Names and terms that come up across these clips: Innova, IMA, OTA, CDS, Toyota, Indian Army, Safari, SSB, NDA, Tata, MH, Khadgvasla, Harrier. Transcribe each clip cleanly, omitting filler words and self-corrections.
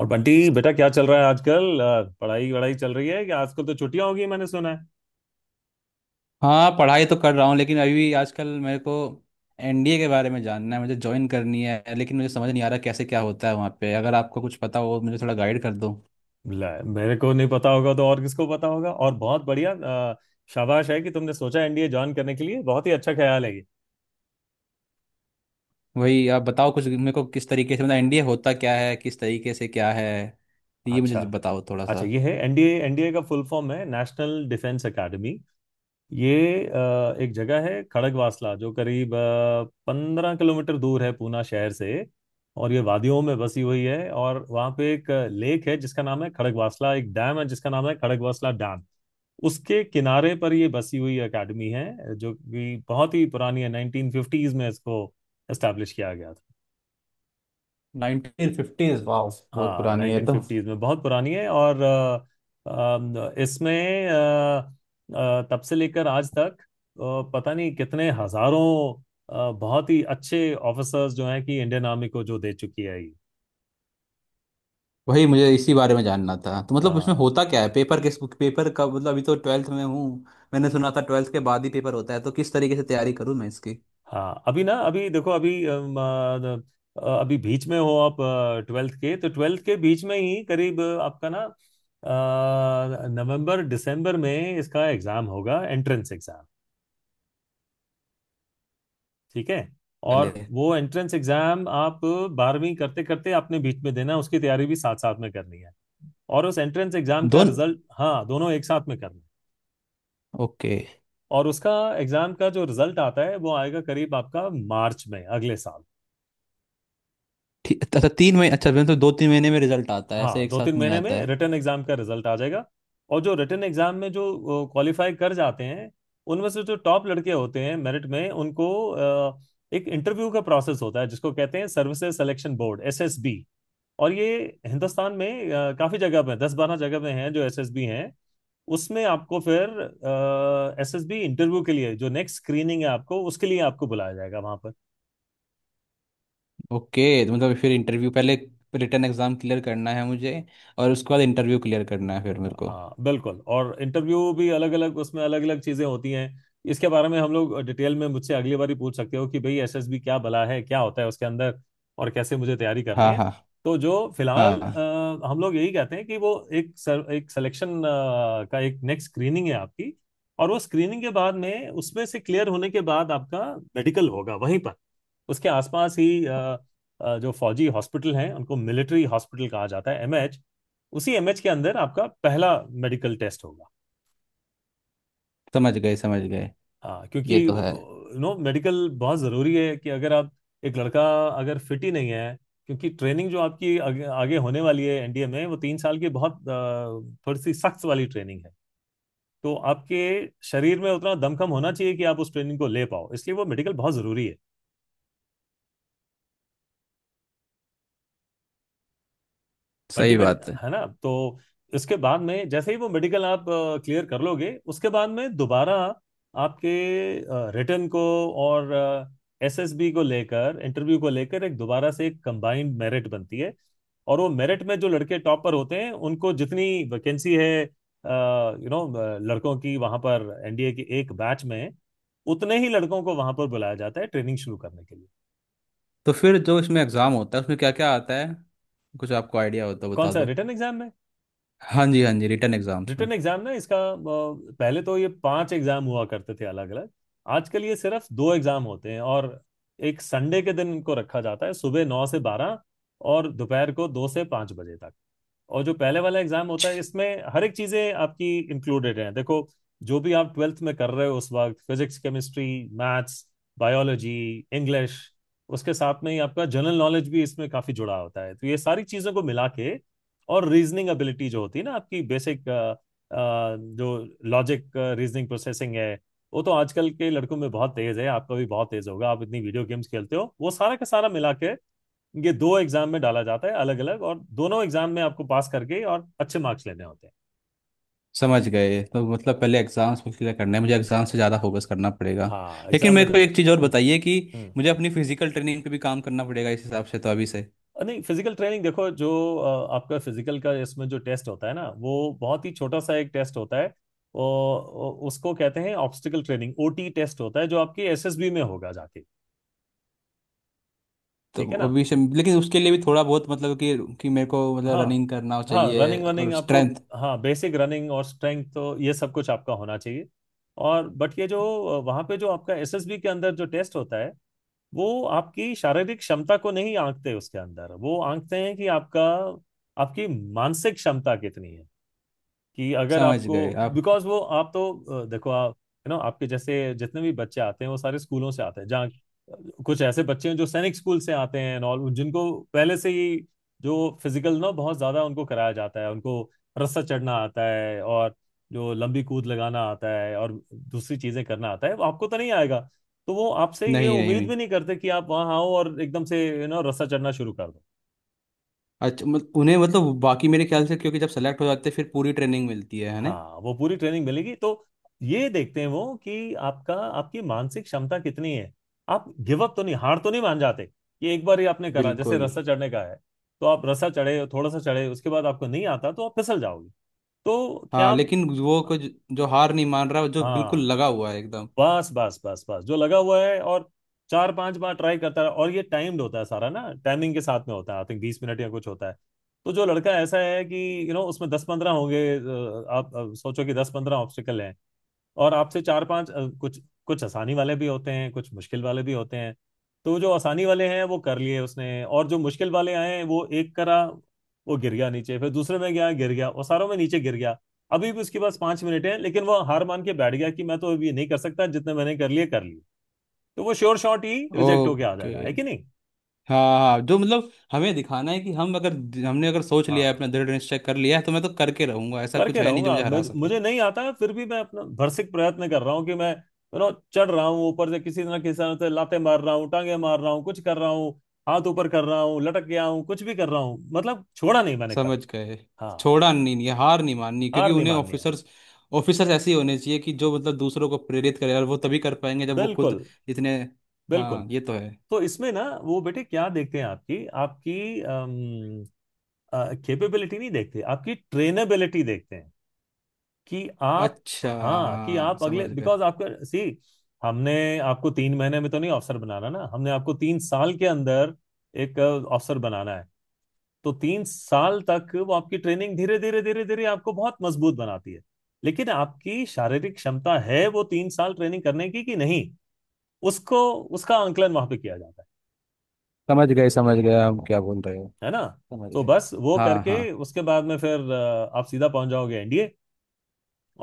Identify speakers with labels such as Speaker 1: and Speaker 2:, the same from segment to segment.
Speaker 1: और बंटी बेटा क्या चल रहा है आजकल पढ़ाई वढ़ाई चल रही है कि आजकल तो छुट्टियां होगी मैंने सुना है।
Speaker 2: हाँ, पढ़ाई तो कर रहा हूँ लेकिन अभी आजकल मेरे को एनडीए के बारे में जानना है। मुझे ज्वाइन करनी है लेकिन मुझे समझ नहीं आ रहा कैसे क्या होता है वहाँ पे। अगर आपको कुछ पता हो मुझे थोड़ा गाइड कर दो।
Speaker 1: ले, मेरे को नहीं पता होगा तो और किसको पता होगा। और बहुत बढ़िया शाबाश है कि तुमने सोचा एनडीए ज्वाइन करने के लिए। बहुत ही अच्छा ख्याल है ये।
Speaker 2: वही आप बताओ कुछ मेरे को, किस तरीके से, मतलब एनडीए होता क्या है, किस तरीके से क्या है, ये
Speaker 1: अच्छा,
Speaker 2: मुझे बताओ थोड़ा सा।
Speaker 1: अच्छा ये है एनडीए। एनडीए का फुल फॉर्म है नेशनल डिफेंस एकेडमी। ये एक जगह है खड़गवासला जो करीब 15 किलोमीटर दूर है पूना शहर से। और ये वादियों में बसी हुई है और वहाँ पे एक लेक है जिसका नाम है खड़गवासला, एक डैम है जिसका नाम है खड़गवासला डैम। उसके किनारे पर ये बसी हुई एकेडमी है जो कि बहुत ही पुरानी है। 1950s में इसको एस्टेब्लिश किया गया था।
Speaker 2: 1950s, वाह। बहुत
Speaker 1: हाँ,
Speaker 2: पुरानी है ये तो।
Speaker 1: 1950s में, बहुत पुरानी है। और अ, अम, इसमें अ, अ, तब से लेकर आज तक पता नहीं कितने हजारों बहुत ही अच्छे ऑफिसर्स जो हैं कि इंडियन आर्मी को जो दे चुकी है ये।
Speaker 2: वही मुझे इसी बारे में जानना था। तो मतलब उसमें
Speaker 1: हाँ
Speaker 2: होता क्या है, पेपर किस पेपर का, मतलब अभी तो ट्वेल्थ में हूँ। मैंने सुना था ट्वेल्थ के बाद ही पेपर होता है। तो किस तरीके से तैयारी करूँ मैं इसकी
Speaker 1: हाँ, अभी ना अभी देखो अभी अभी बीच में हो आप ट्वेल्थ के। तो ट्वेल्थ के बीच में ही करीब आपका ना नवंबर दिसंबर में इसका एग्जाम होगा, एंट्रेंस एग्जाम। ठीक है। और
Speaker 2: पहले।
Speaker 1: वो एंट्रेंस एग्जाम आप बारहवीं करते करते आपने बीच में देना, उसकी तैयारी भी साथ साथ में करनी है। और उस एंट्रेंस एग्जाम का
Speaker 2: दोन
Speaker 1: रिजल्ट, हाँ, दोनों एक साथ में करना है।
Speaker 2: ओके।
Speaker 1: और उसका एग्जाम का जो रिजल्ट आता है वो आएगा करीब आपका मार्च में अगले साल।
Speaker 2: ठीक, अच्छा 3 महीने, अच्छा मतलब 2-3 महीने में रिजल्ट आता है, ऐसे
Speaker 1: हाँ,
Speaker 2: एक
Speaker 1: दो तीन
Speaker 2: साथ नहीं
Speaker 1: महीने
Speaker 2: आता
Speaker 1: में
Speaker 2: है।
Speaker 1: रिटन एग्जाम का रिजल्ट आ जाएगा। और जो रिटन एग्जाम में जो क्वालिफाई कर जाते हैं, उनमें से जो टॉप लड़के होते हैं मेरिट में, उनको एक इंटरव्यू का प्रोसेस होता है जिसको कहते हैं सर्विसेज सिलेक्शन बोर्ड, एसएसबी। और ये हिंदुस्तान में काफी जगह पे, दस बारह जगह पे हैं जो एसएसबी हैं। उसमें आपको फिर एसएसबी इंटरव्यू के लिए, जो नेक्स्ट स्क्रीनिंग है आपको उसके लिए आपको बुलाया जाएगा वहां पर।
Speaker 2: ओके, तो मतलब फिर इंटरव्यू पहले, रिटर्न एग्जाम क्लियर करना है मुझे और उसके बाद इंटरव्यू क्लियर करना है फिर मेरे को।
Speaker 1: हाँ बिल्कुल, और इंटरव्यू भी अलग अलग, उसमें अलग अलग चीजें होती हैं। इसके बारे में हम लोग डिटेल में, मुझसे अगली बार ही पूछ सकते हो कि भाई एसएसबी क्या बला है, क्या होता है उसके अंदर और कैसे मुझे तैयारी करनी
Speaker 2: हाँ
Speaker 1: है।
Speaker 2: हाँ।
Speaker 1: तो जो फिलहाल
Speaker 2: हाँ।
Speaker 1: हम लोग यही कहते हैं कि वो एक एक सिलेक्शन का एक नेक्स्ट स्क्रीनिंग है आपकी। और वो स्क्रीनिंग के बाद में, उसमें से क्लियर होने के बाद आपका मेडिकल होगा वहीं पर, उसके आसपास ही। जो फौजी हॉस्पिटल हैं उनको मिलिट्री हॉस्पिटल कहा जाता है, एमएच। उसी एमएच के अंदर आपका पहला मेडिकल टेस्ट होगा।
Speaker 2: समझ गए समझ गए।
Speaker 1: हाँ, क्योंकि
Speaker 2: ये
Speaker 1: यू
Speaker 2: तो है।
Speaker 1: नो मेडिकल बहुत ज़रूरी है कि अगर आप एक लड़का अगर फिट ही नहीं है। क्योंकि ट्रेनिंग जो आपकी आगे, आगे होने वाली है एनडीए में, वो तीन साल की बहुत थोड़ी सी सख्त वाली ट्रेनिंग है। तो आपके शरीर में उतना दमखम होना चाहिए कि आप उस ट्रेनिंग को ले पाओ, इसलिए वो मेडिकल बहुत ज़रूरी है बंटी
Speaker 2: सही
Speaker 1: मेरी,
Speaker 2: बात है।
Speaker 1: है ना। तो इसके बाद में जैसे ही वो मेडिकल आप क्लियर कर लोगे, उसके बाद में दोबारा आपके रिटर्न को और एसएसबी को लेकर, इंटरव्यू को लेकर, एक दोबारा से एक कंबाइंड मेरिट बनती है। और वो मेरिट में जो लड़के टॉप पर होते हैं उनको, जितनी वैकेंसी है यू नो लड़कों की वहां पर एनडीए की एक बैच में, उतने ही लड़कों को वहां पर बुलाया जाता है ट्रेनिंग शुरू करने के लिए।
Speaker 2: तो फिर जो इसमें एग्ज़ाम होता है उसमें क्या क्या आता है, कुछ आपको आइडिया होता है
Speaker 1: कौन
Speaker 2: बता
Speaker 1: सा,
Speaker 2: दो।
Speaker 1: रिटर्न एग्जाम में?
Speaker 2: हाँ जी, हाँ जी, रिटर्न एग्ज़ाम्स में।
Speaker 1: रिटन एग्जाम ना इसका पहले तो ये पांच एग्जाम हुआ करते थे अलग अलग। आजकल ये सिर्फ दो एग्जाम होते हैं। और एक संडे के दिन इनको रखा जाता है, सुबह 9 से 12 और दोपहर को 2 से 5 बजे तक। और जो पहले वाला एग्जाम होता है, इसमें हर एक चीजें आपकी इंक्लूडेड हैं। देखो, जो भी आप ट्वेल्थ में कर रहे हो उस वक्त, physics, chemistry, maths, biology, English, उसके साथ में ही आपका जनरल नॉलेज भी इसमें काफी जुड़ा होता है। तो ये सारी चीजों को मिला के, और रीजनिंग एबिलिटी जो होती है ना आपकी बेसिक, जो लॉजिक रीजनिंग प्रोसेसिंग है, वो तो आजकल के लड़कों में बहुत तेज है, आपका भी बहुत तेज होगा, आप इतनी वीडियो गेम्स खेलते हो, वो सारा का सारा मिला के ये दो एग्जाम में डाला जाता है अलग अलग। और दोनों एग्जाम में आपको पास करके और अच्छे मार्क्स लेने होते हैं।
Speaker 2: समझ गए। तो मतलब पहले एग्जाम्स को क्लियर करना है मुझे, एग्जाम से ज़्यादा फोकस करना पड़ेगा।
Speaker 1: हाँ
Speaker 2: लेकिन
Speaker 1: एग्जाम में
Speaker 2: मेरे
Speaker 1: जा।
Speaker 2: को एक चीज़ और
Speaker 1: हम्म।
Speaker 2: बताइए कि
Speaker 1: हम्म।
Speaker 2: मुझे अपनी फिजिकल ट्रेनिंग पे भी काम करना पड़ेगा इस हिसाब से तो अभी से।
Speaker 1: नहीं, फिजिकल ट्रेनिंग देखो जो आपका फिजिकल का इसमें जो टेस्ट होता है ना, वो बहुत ही छोटा सा एक टेस्ट होता है। वो, उसको कहते हैं ऑब्स्टिकल ट्रेनिंग, ओटी टेस्ट होता है जो आपके एसएसबी में होगा जाके, ठीक है ना।
Speaker 2: लेकिन उसके लिए भी थोड़ा बहुत, मतलब कि मेरे को मतलब
Speaker 1: हाँ
Speaker 2: रनिंग करना
Speaker 1: हाँ,
Speaker 2: चाहिए
Speaker 1: रनिंग वनिंग
Speaker 2: और
Speaker 1: आपको,
Speaker 2: स्ट्रेंथ।
Speaker 1: हाँ बेसिक रनिंग और स्ट्रेंथ तो ये सब कुछ आपका होना चाहिए। और बट ये जो वहाँ पे जो आपका एसएसबी के अंदर जो टेस्ट होता है, वो आपकी शारीरिक क्षमता को नहीं आंकते उसके अंदर। वो आंकते हैं कि आपका, आपकी मानसिक क्षमता कितनी है, कि अगर
Speaker 2: समझ
Speaker 1: आपको,
Speaker 2: गए आप।
Speaker 1: बिकॉज वो आप तो देखो आप, यू नो, आपके जैसे जितने भी बच्चे आते हैं वो सारे स्कूलों से आते हैं जहाँ कुछ ऐसे बच्चे हैं जो सैनिक स्कूल से आते हैं और जिनको पहले से ही जो फिजिकल ना बहुत ज्यादा उनको कराया जाता है, उनको रस्सा चढ़ना आता है, और जो लंबी कूद लगाना आता है और दूसरी चीजें करना आता है, वो आपको तो नहीं आएगा। तो वो आपसे ये
Speaker 2: नहीं
Speaker 1: उम्मीद
Speaker 2: नहीं।
Speaker 1: भी नहीं करते कि आप वहाँ आओ और एकदम से यू नो रस्सा चढ़ना शुरू कर।
Speaker 2: अच्छा, मत, उन्हें मतलब बाकी मेरे ख्याल से, क्योंकि जब सेलेक्ट हो जाते हैं फिर पूरी ट्रेनिंग मिलती है ना।
Speaker 1: हाँ वो पूरी ट्रेनिंग मिलेगी। तो ये देखते हैं वो कि आपका, आपकी मानसिक क्षमता कितनी है। आप गिव अप तो नहीं, हार तो नहीं मान जाते, कि एक बार ही आपने करा, जैसे
Speaker 2: बिल्कुल।
Speaker 1: रस्सा चढ़ने का है, तो आप रस्सा चढ़े, थोड़ा सा चढ़े, उसके बाद आपको नहीं आता तो आप फिसल जाओगे, तो क्या
Speaker 2: हाँ
Speaker 1: आप,
Speaker 2: लेकिन वो कुछ, जो हार नहीं मान रहा जो बिल्कुल
Speaker 1: हाँ
Speaker 2: लगा हुआ है एकदम।
Speaker 1: बस बस बस बस जो लगा हुआ है, और चार पांच बार ट्राई करता है। और ये टाइम्ड होता है सारा ना, टाइमिंग के साथ में होता है, आई थिंक 20 मिनट या कुछ होता है। तो जो लड़का ऐसा है कि यू you नो, know, उसमें दस पंद्रह होंगे आप सोचो कि दस पंद्रह ऑब्स्टिकल हैं, और आपसे चार पांच कुछ कुछ आसानी वाले भी होते हैं, कुछ मुश्किल वाले भी होते हैं। तो जो आसानी वाले हैं वो कर लिए उसने, और जो मुश्किल वाले आए हैं वो एक करा, वो गिर गया नीचे, फिर दूसरे में गया, गिर गया, और सारों में नीचे गिर गया। अभी भी उसके पास 5 मिनट हैं, लेकिन वो हार मान के बैठ गया कि मैं तो अब ये नहीं कर सकता, जितने मैंने कर लिए कर लिए। तो वो श्योर शॉट ही रिजेक्ट होके आ
Speaker 2: ओके।
Speaker 1: जाएगा, है कि नहीं।
Speaker 2: हाँ हाँ, जो मतलब हमें दिखाना है कि हम अगर, हमने अगर सोच लिया है
Speaker 1: हाँ,
Speaker 2: अपना दृढ़ निश्चय कर लिया है तो मैं तो करके रहूंगा, ऐसा कुछ
Speaker 1: करके
Speaker 2: है नहीं जो
Speaker 1: रहूंगा।
Speaker 2: मुझे हरा
Speaker 1: मुझे,
Speaker 2: सके।
Speaker 1: मुझे नहीं आता है फिर भी मैं अपना भरसक प्रयत्न कर रहा हूँ कि मैं यू नो चढ़ रहा हूँ, ऊपर से किसी ना किसी तरह से लाते मार रहा हूँ, टांगे मार रहा हूँ, कुछ कर रहा हूँ, हाथ ऊपर कर रहा हूँ, लटक गया हूँ, कुछ भी कर रहा हूँ, मतलब छोड़ा नहीं मैंने
Speaker 2: समझ
Speaker 1: कभी।
Speaker 2: गए।
Speaker 1: हाँ,
Speaker 2: छोड़ा नहीं, नहीं हार नहीं माननी, क्योंकि
Speaker 1: हार नहीं
Speaker 2: उन्हें
Speaker 1: माननी है।
Speaker 2: ऑफिसर्स, ऑफिसर्स ऐसे ही होने चाहिए कि जो मतलब दूसरों को प्रेरित करे और वो तभी कर पाएंगे जब वो खुद
Speaker 1: बिल्कुल,
Speaker 2: इतने।
Speaker 1: बिल्कुल।
Speaker 2: हाँ, ये तो है।
Speaker 1: तो इसमें ना वो बेटे क्या देखते हैं, आपकी, आपकी कैपेबिलिटी नहीं देखते, आपकी ट्रेनेबिलिटी देखते हैं। कि आप,
Speaker 2: अच्छा
Speaker 1: हाँ, कि
Speaker 2: हाँ,
Speaker 1: आप
Speaker 2: समझ
Speaker 1: अगले,
Speaker 2: गए।
Speaker 1: बिकॉज आपका सी, हमने आपको 3 महीने में तो नहीं अफसर बनाना ना, हमने आपको 3 साल के अंदर एक अफसर बनाना है। तो 3 साल तक वो आपकी ट्रेनिंग धीरे धीरे धीरे धीरे आपको बहुत मजबूत बनाती है। लेकिन आपकी शारीरिक क्षमता है वो तीन साल ट्रेनिंग करने की कि नहीं, उसको, उसका आंकलन वहां पे किया जाता है
Speaker 2: समझ गए। समझ गए, हम क्या बोल रहे हो।
Speaker 1: है ना।
Speaker 2: समझ
Speaker 1: तो
Speaker 2: गए।
Speaker 1: बस वो
Speaker 2: हाँ हाँ।
Speaker 1: करके उसके बाद में फिर आप सीधा पहुंच जाओगे एनडीए।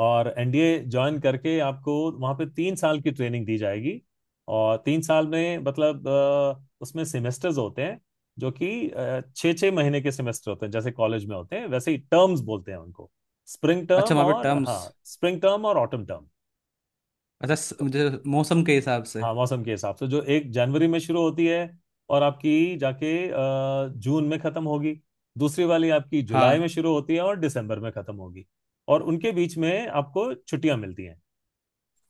Speaker 1: और एनडीए ज्वाइन करके आपको वहाँ पे 3 साल की ट्रेनिंग दी जाएगी। और 3 साल में मतलब उसमें सेमेस्टर्स होते हैं, जो कि 6-6 महीने के सेमेस्टर होते हैं जैसे कॉलेज में होते हैं, वैसे ही टर्म्स बोलते हैं उनको, स्प्रिंग
Speaker 2: अच्छा
Speaker 1: टर्म
Speaker 2: वहाँ पे
Speaker 1: और,
Speaker 2: टर्म्स,
Speaker 1: हाँ, स्प्रिंग टर्म और ऑटम टर्म।
Speaker 2: अच्छा
Speaker 1: तो
Speaker 2: मुझे मौसम के हिसाब से।
Speaker 1: हाँ, मौसम के हिसाब से, जो एक जनवरी में शुरू होती है और आपकी जाके जून में खत्म होगी। दूसरी वाली आपकी जुलाई में
Speaker 2: हाँ,
Speaker 1: शुरू होती है और दिसंबर में खत्म होगी। और उनके बीच में आपको छुट्टियां मिलती हैं,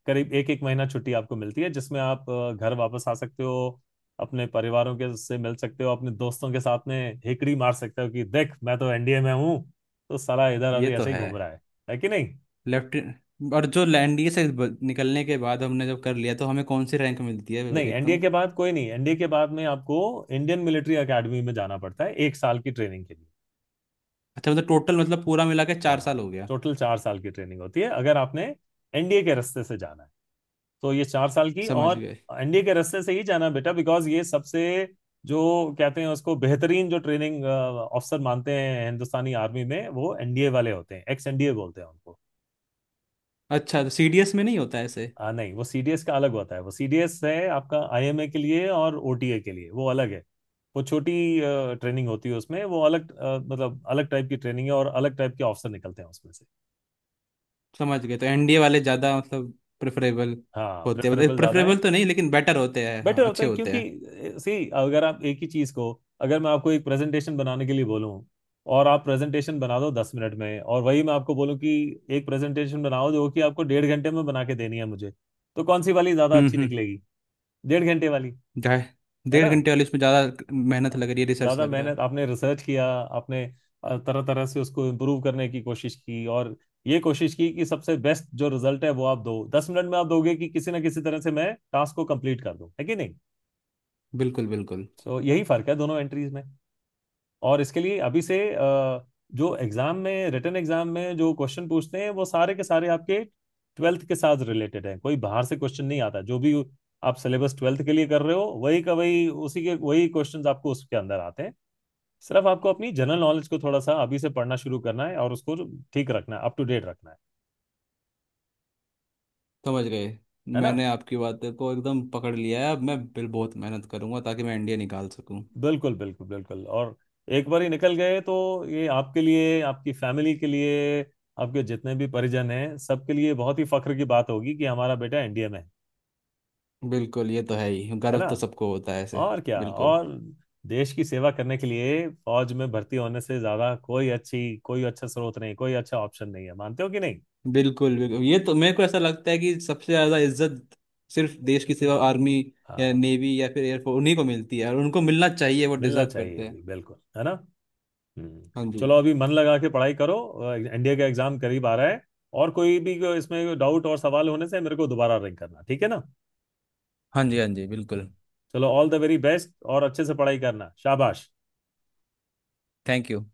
Speaker 1: करीब एक एक महीना छुट्टी आपको मिलती है, जिसमें आप घर वापस आ सकते हो, अपने परिवारों के से मिल सकते हो, अपने दोस्तों के साथ में हिकड़ी मार सकते हो कि देख मैं तो एनडीए में हूँ, तो साला इधर
Speaker 2: ये
Speaker 1: अभी
Speaker 2: तो
Speaker 1: ऐसे ही
Speaker 2: है।
Speaker 1: घूम रहा है कि नहीं।
Speaker 2: लेफ्ट। और जो एनडीए से निकलने के बाद हमने जब कर लिया तो हमें कौन सी रैंक मिलती है।
Speaker 1: नहीं एनडीए
Speaker 2: एकदम।
Speaker 1: के बाद कोई नहीं, एनडीए के बाद में आपको इंडियन मिलिट्री एकेडमी में जाना पड़ता है 1 साल की ट्रेनिंग के लिए।
Speaker 2: अच्छा मतलब टोटल, मतलब पूरा मिला के चार
Speaker 1: हाँ,
Speaker 2: साल हो गया।
Speaker 1: टोटल 4 साल की ट्रेनिंग होती है अगर आपने एनडीए के रास्ते से जाना है, तो ये 4 साल की।
Speaker 2: समझ
Speaker 1: और
Speaker 2: गए।
Speaker 1: एनडीए के रास्ते से ही जाना बेटा, बिकॉज ये सबसे जो कहते हैं उसको, बेहतरीन जो ट्रेनिंग ऑफिसर मानते हैं हिंदुस्तानी आर्मी में, वो एनडीए वाले होते हैं। एक्स एनडीए बोलते हैं उनको।
Speaker 2: अच्छा तो सीडीएस में नहीं होता ऐसे।
Speaker 1: आ, नहीं वो सीडीएस का अलग होता है। वो सीडीएस है आपका आईएमए के लिए और ओटीए के लिए, वो अलग है, वो छोटी ट्रेनिंग होती है उसमें, वो अलग मतलब अलग टाइप की ट्रेनिंग है और अलग टाइप के ऑफिसर निकलते हैं उसमें से।
Speaker 2: समझ गए, तो एनडीए वाले ज़्यादा मतलब प्रेफरेबल
Speaker 1: हाँ,
Speaker 2: होते हैं, मतलब
Speaker 1: प्रेफरेबल ज्यादा
Speaker 2: प्रेफरेबल
Speaker 1: है,
Speaker 2: तो नहीं लेकिन बेटर होते हैं, हाँ,
Speaker 1: बेटर होता
Speaker 2: अच्छे
Speaker 1: है।
Speaker 2: होते
Speaker 1: क्योंकि
Speaker 2: हैं।
Speaker 1: सी, अगर आप एक ही चीज को, अगर मैं आपको एक प्रेजेंटेशन बनाने के लिए बोलूं और आप प्रेजेंटेशन बना दो 10 मिनट में, और वही मैं आपको बोलूं कि एक प्रेजेंटेशन बनाओ जो कि आपको 1.5 घंटे में बना के देनी है मुझे, तो कौन सी वाली ज्यादा अच्छी
Speaker 2: हम्म।
Speaker 1: निकलेगी? 1.5 घंटे वाली,
Speaker 2: ढाई,
Speaker 1: है
Speaker 2: डेढ़
Speaker 1: ना।
Speaker 2: घंटे वाले, इसमें ज़्यादा मेहनत लग रही है, रिसर्च
Speaker 1: ज्यादा
Speaker 2: लग रहा है।
Speaker 1: मेहनत, आपने रिसर्च किया, आपने तरह तरह से उसको इम्प्रूव करने की कोशिश की, और ये कोशिश की कि सबसे बेस्ट जो रिजल्ट है वो आप दो दस मिनट में आप दोगे कि किसी ना किसी तरह से मैं टास्क को कंप्लीट कर दूं, है कि नहीं।
Speaker 2: बिल्कुल बिल्कुल।
Speaker 1: सो, यही फर्क है दोनों एंट्रीज में। और इसके लिए अभी से जो एग्जाम में, रिटन एग्जाम में जो क्वेश्चन पूछते हैं, वो सारे के सारे आपके ट्वेल्थ के साथ रिलेटेड है, कोई बाहर से क्वेश्चन नहीं आता। जो भी आप सिलेबस ट्वेल्थ के लिए कर रहे हो, वही का वही, उसी के वही क्वेश्चंस आपको उसके अंदर आते हैं। सिर्फ आपको अपनी जनरल नॉलेज को थोड़ा सा अभी से पढ़ना शुरू करना है और उसको ठीक रखना है, अप टू डेट रखना है
Speaker 2: समझ गए।
Speaker 1: है ना।
Speaker 2: मैंने आपकी बात को एकदम पकड़ लिया है, अब मैं बिल बहुत मेहनत करूंगा ताकि मैं एनडीए निकाल सकूं।
Speaker 1: बिल्कुल बिल्कुल बिल्कुल। और एक बार ही निकल गए तो ये आपके लिए, आपकी फैमिली के लिए, आपके जितने भी परिजन हैं सबके लिए बहुत ही फख्र की बात होगी कि हमारा बेटा एनडीए में है
Speaker 2: बिल्कुल, ये तो है ही,
Speaker 1: है
Speaker 2: गर्व
Speaker 1: ना,
Speaker 2: तो सबको होता है ऐसे।
Speaker 1: और क्या।
Speaker 2: बिल्कुल।
Speaker 1: और देश की सेवा करने के लिए फौज में भर्ती होने से ज्यादा कोई अच्छी, कोई अच्छा स्रोत नहीं, कोई अच्छा ऑप्शन नहीं है, मानते हो कि नहीं।
Speaker 2: बिल्कुल बिल्कुल, ये तो मेरे को ऐसा लगता है कि सबसे ज्यादा इज्जत, सिर्फ देश की सेवा, आर्मी या
Speaker 1: हाँ,
Speaker 2: नेवी या फिर एयरफोर्स, उन्हीं को मिलती है और उनको मिलना चाहिए, वो
Speaker 1: मिलना
Speaker 2: डिजर्व करते
Speaker 1: चाहिए
Speaker 2: हैं।
Speaker 1: भी, बिल्कुल, है ना। हम्म।
Speaker 2: हाँ जी।
Speaker 1: चलो अभी मन लगा के पढ़ाई करो, एनडीए का एग्जाम करीब आ रहा है। और कोई भी को इसमें डाउट और सवाल होने से मेरे को दोबारा रिंग करना, ठीक है ना।
Speaker 2: हाँ जी, हाँ जी, बिल्कुल।
Speaker 1: चलो ऑल द वेरी बेस्ट, और अच्छे से पढ़ाई करना, शाबाश।
Speaker 2: Thank you.